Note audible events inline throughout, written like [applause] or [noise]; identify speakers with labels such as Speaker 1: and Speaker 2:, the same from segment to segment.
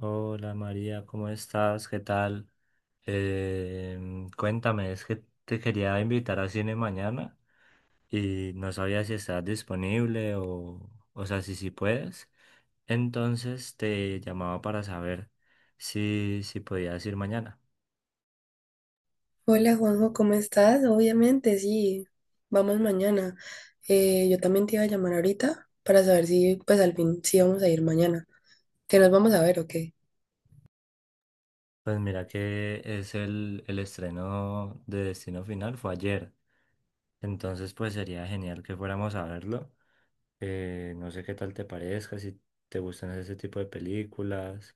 Speaker 1: Hola María, ¿cómo estás? ¿Qué tal? Cuéntame, es que te quería invitar a cine mañana y no sabía si estás disponible o sea, si sí puedes. Entonces te llamaba para saber si podías ir mañana.
Speaker 2: Hola Juanjo, ¿cómo estás? Obviamente, sí, vamos mañana. Yo también te iba a llamar ahorita para saber si, pues al fin, sí vamos a ir mañana. ¿Que nos vamos a ver o qué?
Speaker 1: Pues mira que es el estreno de Destino Final, fue ayer. Entonces pues sería genial que fuéramos a verlo. No sé qué tal te parezca, si te gustan ese tipo de películas.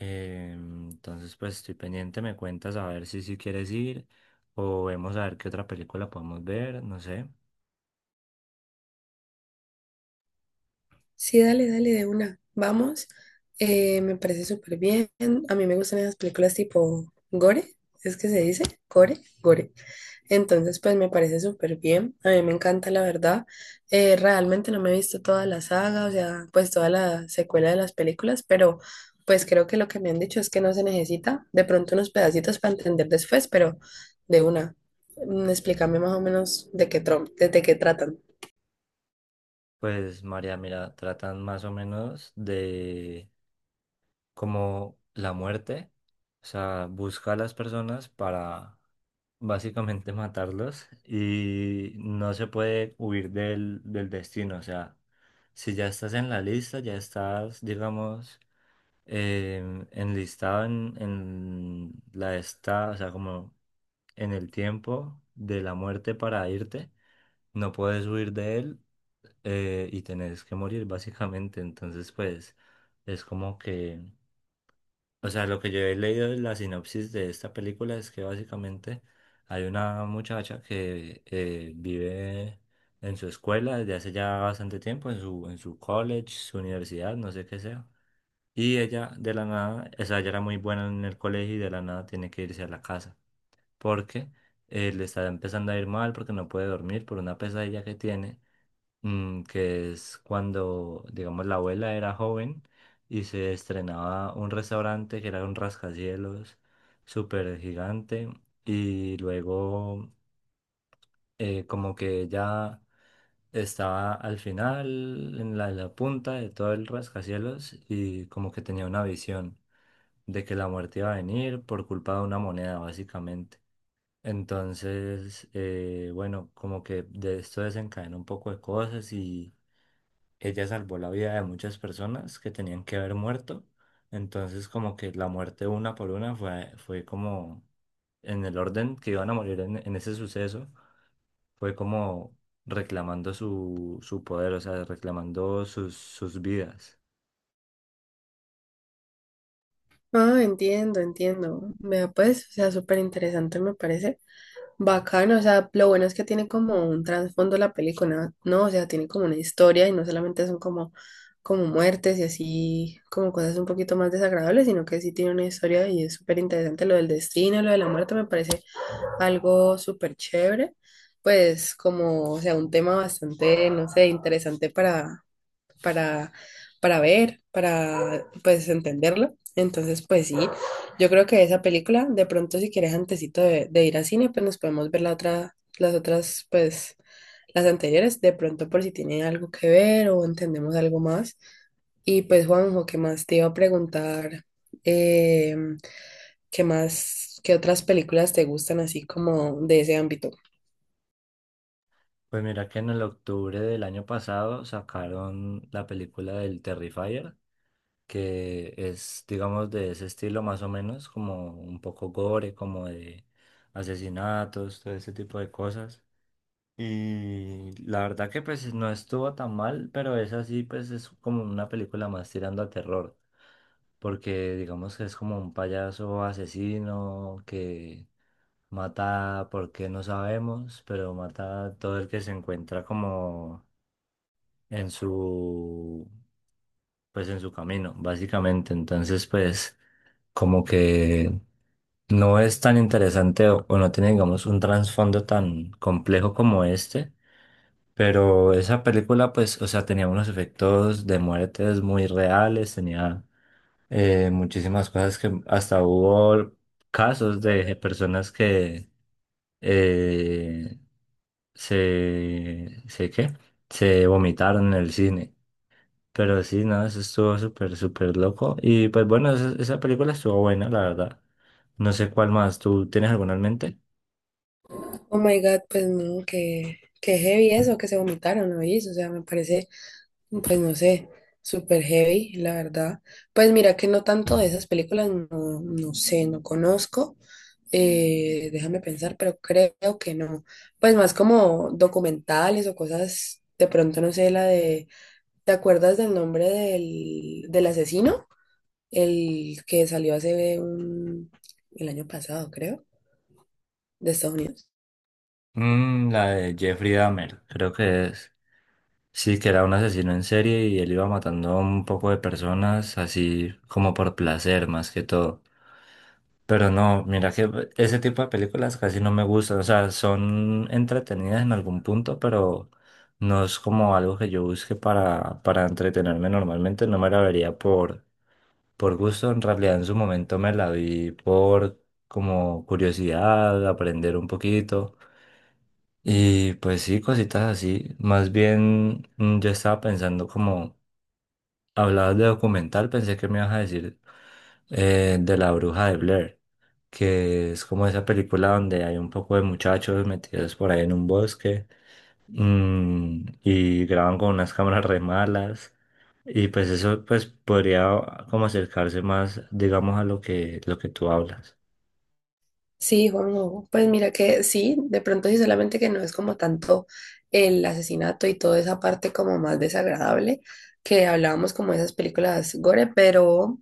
Speaker 1: Entonces, pues estoy pendiente, me cuentas a ver si quieres ir o vemos a ver qué otra película podemos ver, no sé.
Speaker 2: Sí, dale, dale, de una. Vamos. Me parece súper bien. A mí me gustan esas películas tipo gore, ¿es que se dice? Gore, gore. Entonces, pues me parece súper bien. A mí me encanta, la verdad. Realmente no me he visto toda la saga, o sea, pues toda la secuela de las películas, pero pues creo que lo que me han dicho es que no se necesita de pronto unos pedacitos para entender después, pero de una. Explícame más o menos de qué, de qué tratan.
Speaker 1: Pues María, mira, tratan más o menos de como la muerte, o sea, busca a las personas para básicamente [laughs] matarlos y no se puede huir del destino, o sea, si ya estás en la lista, ya estás, digamos, enlistado en la esta, o sea, como en el tiempo de la muerte para irte, no puedes huir de él y tenés que morir básicamente. Entonces, pues es como que, o sea, lo que yo he leído en la sinopsis de esta película es que básicamente hay una muchacha que vive en su escuela desde hace ya bastante tiempo, en su college, su universidad, no sé qué sea. Y ella de la nada, o sea, ella era muy buena en el colegio y de la nada tiene que irse a la casa porque le está empezando a ir mal porque no puede dormir por una pesadilla que tiene, mm, que es cuando, digamos, la abuela era joven y se estrenaba un restaurante que era un rascacielos súper gigante y luego como que ella estaba al final en la punta de todo el rascacielos y como que tenía una visión de que la muerte iba a venir por culpa de una moneda, básicamente. Entonces, bueno, como que de esto desencadenó un poco de cosas y ella salvó la vida de muchas personas que tenían que haber muerto. Entonces, como que la muerte una por una fue como en el orden que iban a morir en ese suceso, fue como reclamando su poder, o sea, reclamando sus vidas.
Speaker 2: Ah, entiendo, entiendo. Vea, pues, o sea, súper interesante me parece. Bacano, o sea, lo bueno es que tiene como un trasfondo la película, ¿no? O sea, tiene como una historia y no solamente son como, como muertes y así, como cosas un poquito más desagradables, sino que sí tiene una historia y es súper interesante. Lo del destino, lo de la muerte me parece algo súper chévere, pues como, o sea, un tema bastante, no sé, interesante para, para ver, para pues entenderlo. Entonces, pues sí, yo creo que esa película, de pronto si quieres antesito de ir al cine, pues nos podemos ver la otra, las otras, pues las anteriores, de pronto por si tiene algo que ver o entendemos algo más. Y pues Juanjo, ¿qué más te iba a preguntar? Eh, ¿Qué más, qué otras películas te gustan así como de ese ámbito?
Speaker 1: Pues mira que en el octubre del año pasado sacaron la película del Terrifier, que es, digamos, de ese estilo más o menos, como un poco gore, como de asesinatos, todo ese tipo de cosas. Y la verdad que pues no estuvo tan mal, pero esa sí pues es como una película más tirando a terror, porque digamos que es como un payaso asesino que mata porque no sabemos, pero mata a todo el que se encuentra como en su, pues en su camino, básicamente. Entonces, pues como que no es tan interesante o no tiene, digamos, un trasfondo tan complejo como este, pero esa película, pues, o sea, tenía unos efectos de muertes muy reales, tenía muchísimas cosas que hasta hubo casos de personas que eh, se, ¿qué? Se vomitaron en el cine. Pero sí, no, eso estuvo súper, súper loco. Y pues bueno, esa película estuvo buena, la verdad. No sé cuál más. ¿Tú tienes alguna en mente?
Speaker 2: Oh my God, pues no, que heavy eso, que se vomitaron, ¿no? O sea, me parece. Pues no sé, super heavy, la verdad. Pues mira que no tanto de esas películas, no, no sé, no conozco. Déjame pensar, pero creo que no. Pues más como documentales o cosas, de pronto no sé, la de, ¿te acuerdas del nombre del asesino? El que salió hace un, el año pasado, creo, de Estados Unidos.
Speaker 1: Mm, la de Jeffrey Dahmer, creo que es. Sí, que era un asesino en serie y él iba matando a un poco de personas así como por placer más que todo. Pero no, mira que ese tipo de películas casi no me gustan. O sea, son entretenidas en algún punto, pero no es como algo que yo busque para entretenerme normalmente. No me la vería por. Por gusto, en realidad en su momento me la vi por como curiosidad, aprender un poquito. Y pues sí, cositas así. Más bien mm, yo estaba pensando como, hablabas de documental, pensé que me ibas a decir de La Bruja de Blair, que es como esa película donde hay un poco de muchachos metidos por ahí en un bosque mm, y graban con unas cámaras re malas. Y pues eso pues podría como acercarse más, digamos, a lo que tú hablas.
Speaker 2: Sí, Juanjo, pues mira que sí, de pronto sí, solamente que no es como tanto el asesinato y toda esa parte como más desagradable que hablábamos como de esas películas gore, pero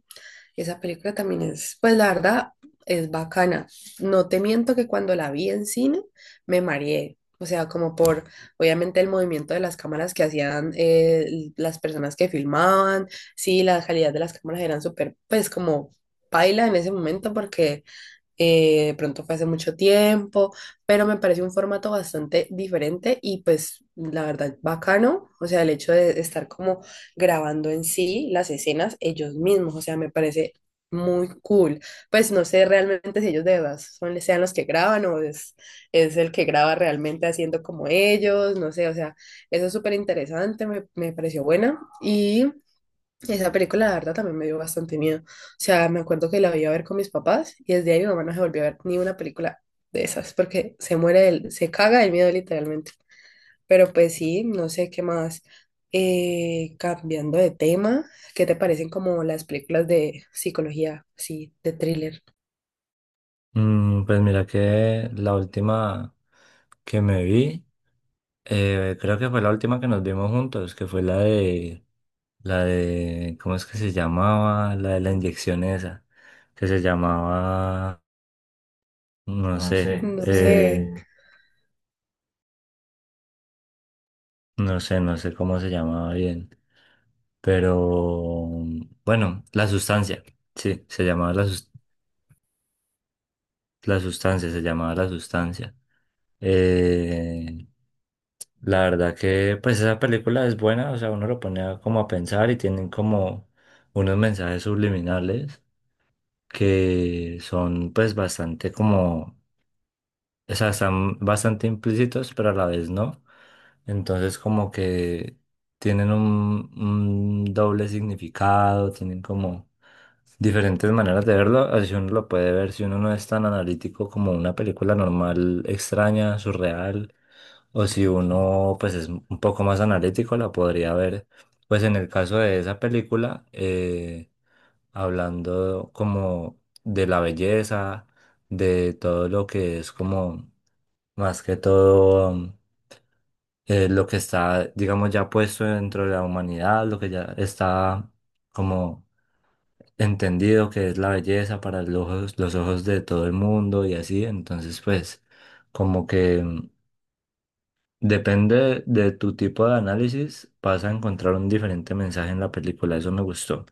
Speaker 2: esa película también es, pues la verdad, es bacana. No te miento que cuando la vi en cine me mareé, o sea, como por, obviamente, el movimiento de las cámaras que hacían las personas que filmaban, sí, la calidad de las cámaras eran súper, pues como paila en ese momento porque de pronto fue hace mucho tiempo, pero me parece un formato bastante diferente y pues la verdad bacano, o sea, el hecho de estar como grabando en sí las escenas ellos mismos, o sea, me parece muy cool. Pues no sé realmente si ellos de verdad son, sean los que graban o es el que graba realmente haciendo como ellos, no sé, o sea, eso es súper interesante, me pareció buena y esa película, la verdad, también me dio bastante miedo. O sea, me acuerdo que la iba a ver con mis papás y desde ahí mi mamá no se volvió a ver ni una película de esas porque se muere del, se caga del miedo literalmente. Pero pues sí, no sé qué más. Cambiando de tema, ¿qué te parecen como las películas de psicología, sí, de thriller?
Speaker 1: Mm, pues mira que la última que me vi, creo que fue la última que nos vimos juntos, que fue la de, ¿cómo es que se llamaba? La de la inyección esa, que se llamaba, no
Speaker 2: No
Speaker 1: sé,
Speaker 2: sé.
Speaker 1: no
Speaker 2: No
Speaker 1: sé. eh,
Speaker 2: sé.
Speaker 1: no sé, no sé cómo se llamaba bien, pero bueno, la sustancia, sí, se llamaba la sustancia. La sustancia, se llamaba La Sustancia. Eh, la verdad que pues esa película es buena, o sea, uno lo pone a- como a pensar y tienen como unos mensajes subliminales que son pues bastante como, o sea, están bastante implícitos, pero a la vez no. Entonces como que tienen un doble significado, tienen como diferentes maneras de verlo, así uno lo puede ver, si uno no es tan analítico como una película normal, extraña, surreal, o si uno pues es un poco más analítico, la podría ver. Pues en el caso de esa película, hablando como de la belleza, de todo lo que es como más que todo... lo que está, digamos, ya puesto dentro de la humanidad, lo que ya está como entendido que es la belleza para los ojos de todo el mundo y así, entonces pues como que mm, depende de tu tipo de análisis, vas a encontrar un diferente mensaje en la película, eso me gustó.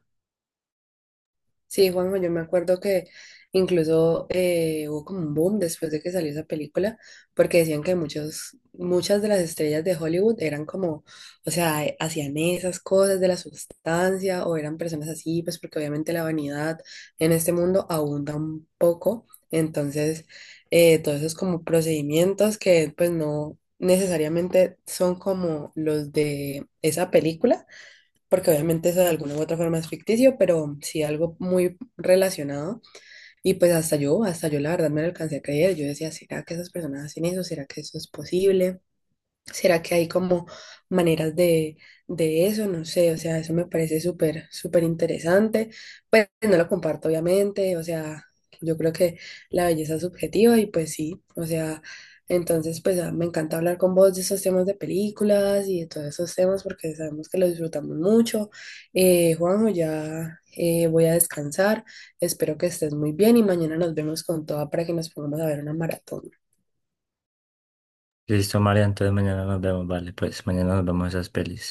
Speaker 2: Sí, Juanjo, yo me acuerdo que incluso hubo como un boom después de que salió esa película, porque decían que muchos, muchas de las estrellas de Hollywood eran como, o sea, hacían esas cosas de la sustancia o eran personas así, pues porque obviamente la vanidad en este mundo abunda un poco, entonces todos esos como procedimientos que pues no necesariamente son como los de esa película porque obviamente eso de alguna u otra forma es ficticio, pero sí algo muy relacionado. Y pues hasta yo la verdad me lo alcancé a creer. Yo decía, ¿será que esas personas hacen eso? ¿Será que eso es posible? ¿Será que hay como maneras de eso? No sé, o sea, eso me parece súper, súper interesante. Pues no lo comparto, obviamente, o sea, yo creo que la belleza es subjetiva y pues sí, o sea, entonces pues ah, me encanta hablar con vos de esos temas de películas y de todos esos temas porque sabemos que lo disfrutamos mucho. Juanjo, ya voy a descansar, espero que estés muy bien y mañana nos vemos con toda para que nos pongamos a ver una maratón.
Speaker 1: Listo, María, entonces mañana nos vemos, vale, pues mañana nos vemos esas pelis.